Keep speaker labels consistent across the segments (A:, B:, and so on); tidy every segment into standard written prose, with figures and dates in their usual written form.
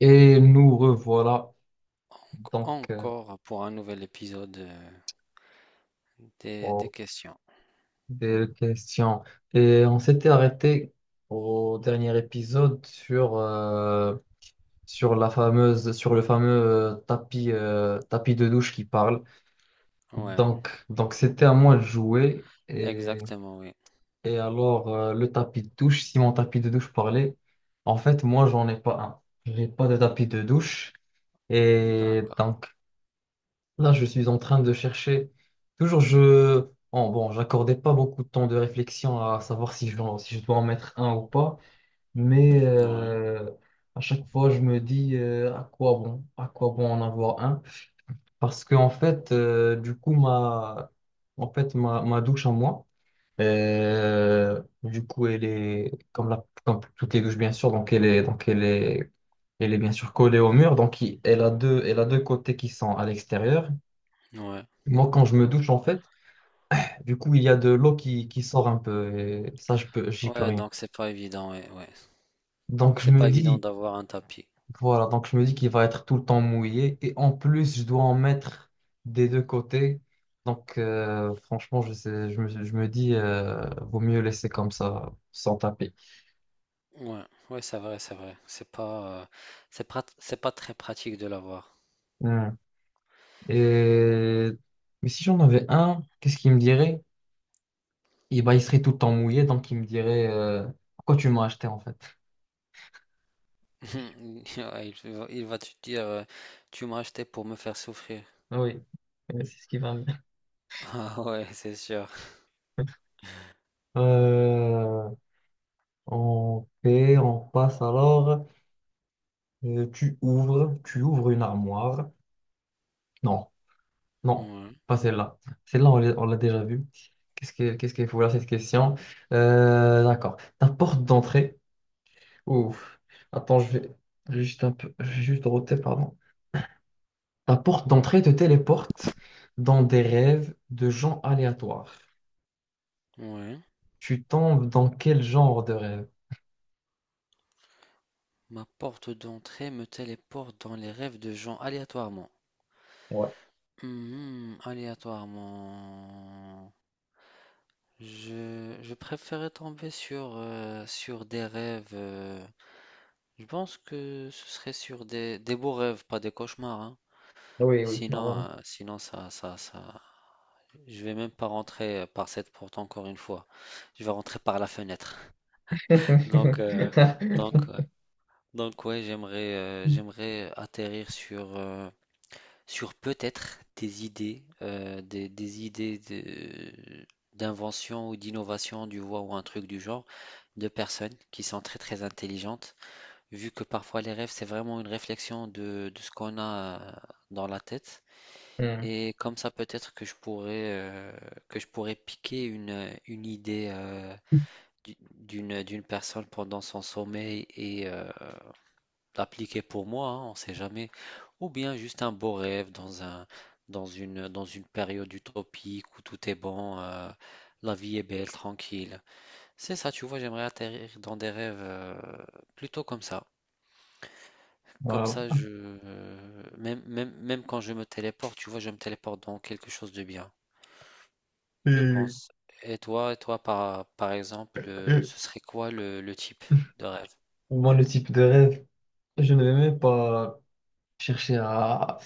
A: Et nous revoilà donc euh,
B: Encore pour un nouvel épisode des
A: pour
B: questions.
A: des questions. Et on s'était arrêté au dernier épisode sur la fameuse, sur le fameux tapis, tapis de douche qui parle.
B: Ouais,
A: Donc c'était à moi de jouer. Et,
B: exactement, oui.
A: et alors, le tapis de douche, si mon tapis de douche parlait, en fait, moi, j'en ai pas un. J'ai pas de tapis de douche. Et
B: D'accord.
A: donc, là, je suis en train de chercher. Toujours, je. J'accordais pas beaucoup de temps de réflexion à savoir si je dois en mettre un ou pas. Mais
B: Ouais,
A: euh, à chaque fois, je me dis, à quoi bon en avoir un? Parce que, en fait, ma douche à moi, elle est comme, comme toutes les douches, bien sûr. Donc elle est bien sûr collée au mur. Donc, elle a elle a deux côtés qui sont à l'extérieur.
B: ouais.
A: Moi, quand je me douche, en fait, du coup, il y a de l'eau qui sort un peu et ça, j'y peux
B: Ouais,
A: rien.
B: donc c'est pas évident, ouais, ouais.
A: Donc, je
B: C'est
A: me
B: pas évident
A: dis,
B: d'avoir un tapis.
A: voilà, donc je me dis qu'il va être tout le temps mouillé et en plus, je dois en mettre des deux côtés. Donc, franchement, je me dis, vaut mieux laisser comme ça, sans taper.
B: Ouais, ouais, c'est vrai, c'est vrai. C'est pas très pratique de l'avoir.
A: Hmm. Et... Mais si j'en avais un, qu'est-ce qu'il me dirait? Eh ben, il serait tout le temps mouillé, donc il me dirait, pourquoi tu m'as acheté, en fait?
B: Ouais, il va te dire, tu m'as acheté pour me faire souffrir.
A: Oui, c'est ce qui va bien.
B: Ah ouais, c'est sûr.
A: Euh, On fait, on passe alors. Tu ouvres une armoire. Non, non,
B: Ouais,
A: pas celle-là. Celle-là, on l'a déjà vue. Qu'est-ce qu'il faut là, cette question? D'accord. Ta porte d'entrée. Ouf. Attends, je vais juste roter, pardon. Ta porte d'entrée te téléporte dans des rêves de gens aléatoires.
B: ouais.
A: Tu tombes dans quel genre de rêve?
B: Ma porte d'entrée me téléporte dans les rêves de gens aléatoirement.
A: Ouais.
B: Mhm, aléatoirement, je préférais tomber sur des rêves. Je pense que ce serait sur des beaux rêves, pas des cauchemars, hein.
A: Oui, oui,
B: Sinon,
A: normalement.
B: euh, sinon ça, je vais même pas rentrer par cette porte encore une fois. Je vais rentrer par la fenêtre. Donc, euh, donc, euh, donc, ouais, j'aimerais atterrir sur peut-être des idées, des idées d'invention ou d'innovation du voix ou un truc du genre de personnes qui sont très très intelligentes, vu que parfois les rêves c'est vraiment une réflexion de ce qu'on a dans la tête.
A: Hmm.
B: Et comme ça peut-être que je pourrais piquer une idée d'une d'une personne pendant son sommeil et appliquer pour moi, hein, on ne sait jamais, ou bien juste un beau rêve dans une période utopique où tout est bon, la vie est belle, tranquille. C'est ça, tu vois, j'aimerais atterrir dans des rêves plutôt comme ça. Comme
A: Voilà.
B: ça, je, même quand je me téléporte, tu vois, je me téléporte dans quelque chose de bien, je
A: Euh,
B: pense. Et toi, par exemple,
A: euh,
B: ce serait quoi le type de rêve?
A: Moi, le type de rêve, je ne vais même pas chercher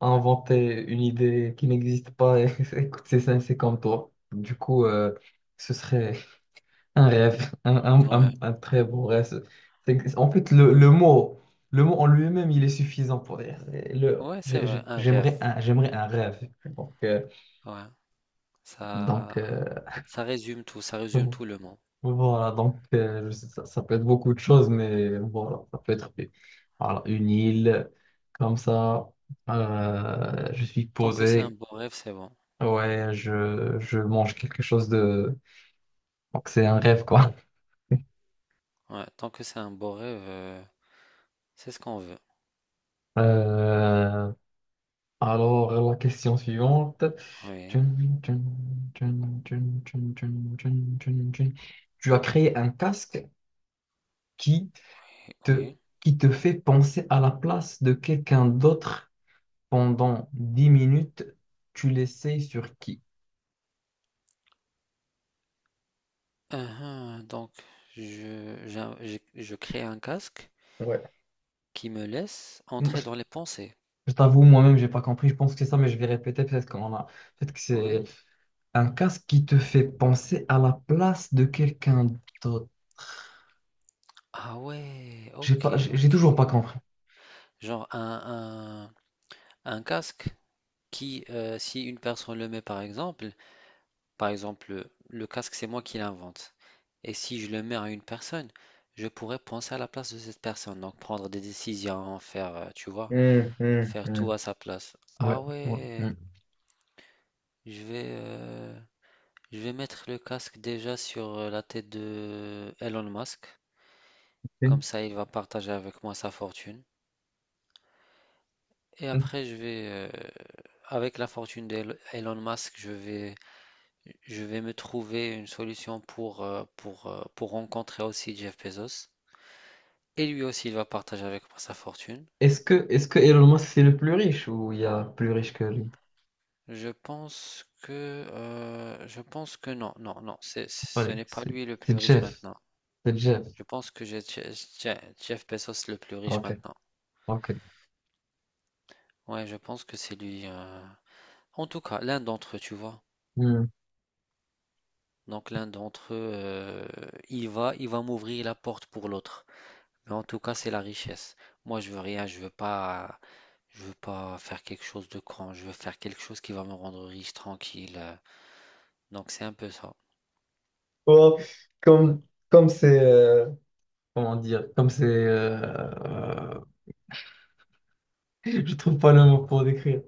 A: à inventer une idée qui n'existe pas. Et écoute, c'est ça, c'est comme toi. Du coup, ce serait un rêve, un, un- un-
B: Ouais,
A: un très beau rêve. C'est- en fait, le mot en lui-même, il est suffisant pour dire. Le,
B: ouais, c'est vrai, un rêve.
A: j'aimerais un rêve.
B: Ouais,
A: Donc
B: ça.
A: euh,
B: Ça résume tout le monde.
A: Voilà, je sais, ça peut être beaucoup de choses, mais voilà, ça peut être voilà, une île comme ça. Je suis
B: Tant que c'est un
A: posé,
B: beau rêve, c'est bon.
A: ouais, je mange quelque chose de. Donc c'est un rêve, quoi.
B: Ouais, tant que c'est un beau rêve, c'est ce qu'on veut.
A: Euh, alors, la question suivante. Tu
B: Oui,
A: as créé un casque qui te,
B: oui.
A: qui te fait penser à la place de quelqu'un d'autre pendant 10 minutes, tu l'essayes sur qui?
B: Uhum, donc, je crée un casque
A: Ouais.
B: qui me laisse
A: Moi,
B: entrer dans les pensées.
A: Je t'avoue, moi-même, j'ai pas compris. Je pense que c'est ça, mais je vais répéter peut-être qu'on a. Peut-être que
B: Ouais.
A: c'est un casque qui te fait penser à la place de quelqu'un d'autre.
B: Ah ouais, ok,
A: J'ai
B: ok.
A: toujours pas compris.
B: Genre un casque si une personne le met par exemple. Par exemple, le casque, c'est moi qui l'invente. Et si je le mets à une personne, je pourrais penser à la place de cette personne, donc prendre des décisions, tu vois,
A: Hum, hum,
B: faire tout
A: hum.
B: à sa place.
A: Ouais.
B: Ah
A: ouais,
B: ouais,
A: ouais.
B: je vais, euh, je vais mettre le casque déjà sur la tête de Elon Musk, comme ça il va partager avec moi sa fortune. Et
A: Mm.
B: après, avec la fortune d'Elon Musk, je vais me trouver une solution pour rencontrer aussi Jeff Bezos. Et lui aussi, il va partager avec moi sa fortune.
A: Est-ce que Elon Musk c'est le plus riche ou il y a plus riche que lui?
B: Je pense que non, non, non, ce
A: Allez,
B: n'est pas
A: c'est
B: lui le plus
A: c'est
B: riche
A: Jeff.
B: maintenant.
A: C'est Jeff.
B: Je pense que Jeff Bezos le plus riche
A: Ok.
B: maintenant.
A: Ok.
B: Ouais, je pense que c'est lui. En tout cas, l'un d'entre eux, tu vois.
A: Mm.
B: Donc l'un d'entre eux, il va m'ouvrir la porte pour l'autre. Mais en tout cas, c'est la richesse. Moi, je veux rien, je veux pas faire quelque chose de grand. Je veux faire quelque chose qui va me rendre riche, tranquille. Donc c'est un peu ça.
A: Oh, comme comme c'est comment dire, je trouve pas le mot pour décrire,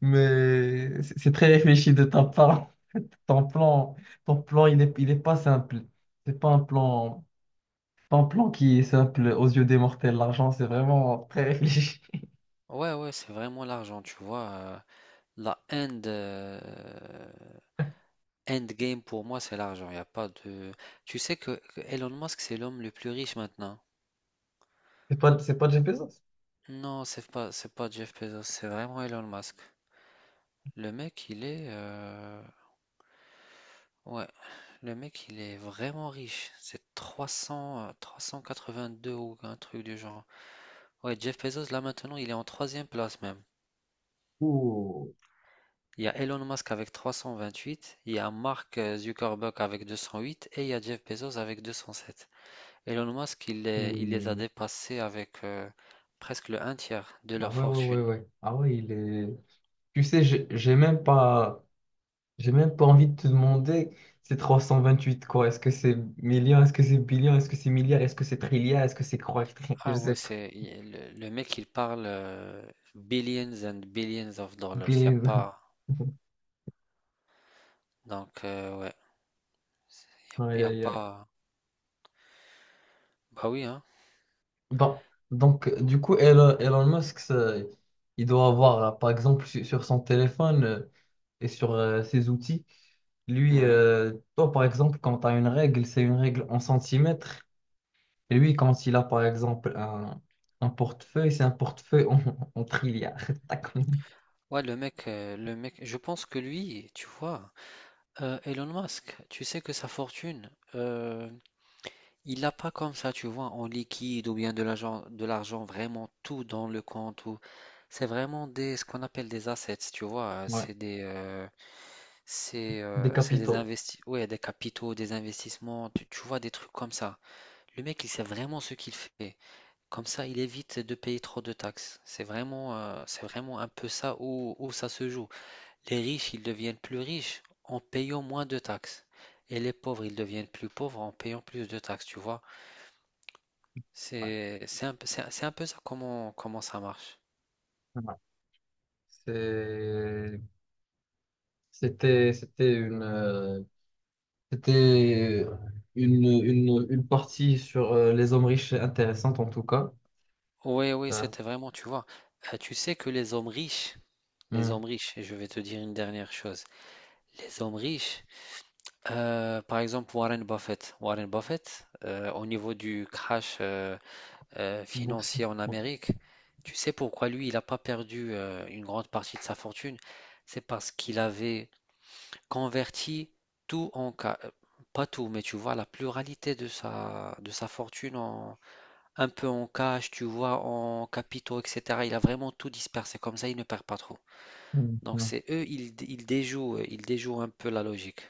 A: mais c'est très réfléchi de ta part. Ton plan, il est pas simple. C'est pas un plan, pas un plan qui est simple aux yeux des mortels. L'argent, c'est vraiment très réfléchi.
B: Ouais, ouais, c'est vraiment l'argent, tu vois. La end, euh, end game pour moi, c'est l'argent. Il a pas de. Tu sais que Elon Musk, c'est l'homme le plus riche maintenant.
A: C'est pas Jeff Bezos.
B: Non, c'est pas Jeff Bezos, c'est vraiment Elon Musk. Le mec, ouais, le mec, il est vraiment riche. C'est 300, 382 ou un truc du genre. Ouais, Jeff Bezos, là maintenant, il est en troisième place même.
A: Ouh,
B: Il y a Elon Musk avec 328, il y a Mark Zuckerberg avec 208 et il y a Jeff Bezos avec 207. Elon Musk, il les a
A: ouh.
B: dépassés avec presque le un tiers de
A: Ah
B: leur
A: ouais, ouais, ouais,
B: fortune.
A: ouais. Ah ouais, il est. Tu sais, j'ai même pas. J'ai même pas envie de te demander, c'est 328 quoi? Est-ce que c'est million? Est-ce que c'est billion? Est-ce que c'est milliard? Est-ce que c'est trilliard? Est-ce que c'est croix je
B: Ah ouais,
A: sais pas.
B: le mec, il parle billions and billions of dollars. Il n'y a
A: Billion.
B: pas. Donc, ouais, il
A: Aïe,
B: n'y a
A: aïe, aïe.
B: pas. Bah oui, hein.
A: Bon, du coup, Elon, Elon Musk, ça, il doit avoir, par exemple, sur son téléphone et sur ses outils,
B: Ouais.
A: toi, par exemple, quand tu as une règle, c'est une règle en centimètres. Et lui, quand il a, par exemple, un portefeuille, c'est un portefeuille en, en trilliard. D'accord.
B: Ouais, le mec, je pense que lui, tu vois, Elon Musk, tu sais que sa fortune, euh, il a pas comme ça, tu vois, en liquide ou bien de l'argent vraiment tout dans le compte ou c'est vraiment des ce qu'on appelle des assets, tu vois,
A: Ouais. Des
B: c'est des
A: capitaux.
B: investi ouais, des capitaux, des investissements, tu vois des trucs comme ça. Le mec, il sait vraiment ce qu'il fait. Comme ça, il évite de payer trop de taxes. C'est vraiment un peu ça où ça se joue. Les riches, ils deviennent plus riches en payant moins de taxes. Et les pauvres, ils deviennent plus pauvres en payant plus de taxes, tu vois.
A: Ouais.
B: C'est un, peu- c'est un peu ça comment ça marche.
A: Ouais. C'est- c'était c'était une, une partie sur les hommes riches intéressante en tout cas.
B: Oui, oui,
A: Euh,
B: c'était vraiment, tu vois. Tu sais que les hommes riches, les
A: hmm,
B: hommes riches, et je vais te dire une dernière chose, les hommes riches, par exemple Warren Buffett, au niveau du crash
A: boursier.
B: financier en
A: Ouais.
B: Amérique, tu sais pourquoi lui, il n'a pas perdu une grande partie de sa fortune? C'est parce qu'il avait converti tout en, pas tout, mais tu vois, la pluralité de de sa fortune un peu en cash, tu vois, en capitaux, etc. Il a vraiment tout dispersé. Comme ça, il ne perd pas trop.
A: Hmm,
B: Donc,
A: hmm,
B: c'est eux, ils déjouent un peu la logique.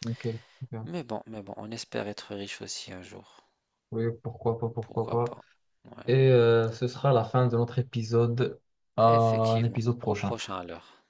A: ok. Ok.
B: Mais bon, on espère être riche aussi un jour.
A: Oui, pourquoi pas, pourquoi
B: Pourquoi
A: pas.
B: pas? Ouais.
A: Ce sera la fin de notre épisode. À un
B: Effectivement.
A: épisode
B: Au
A: prochain.
B: prochain alors.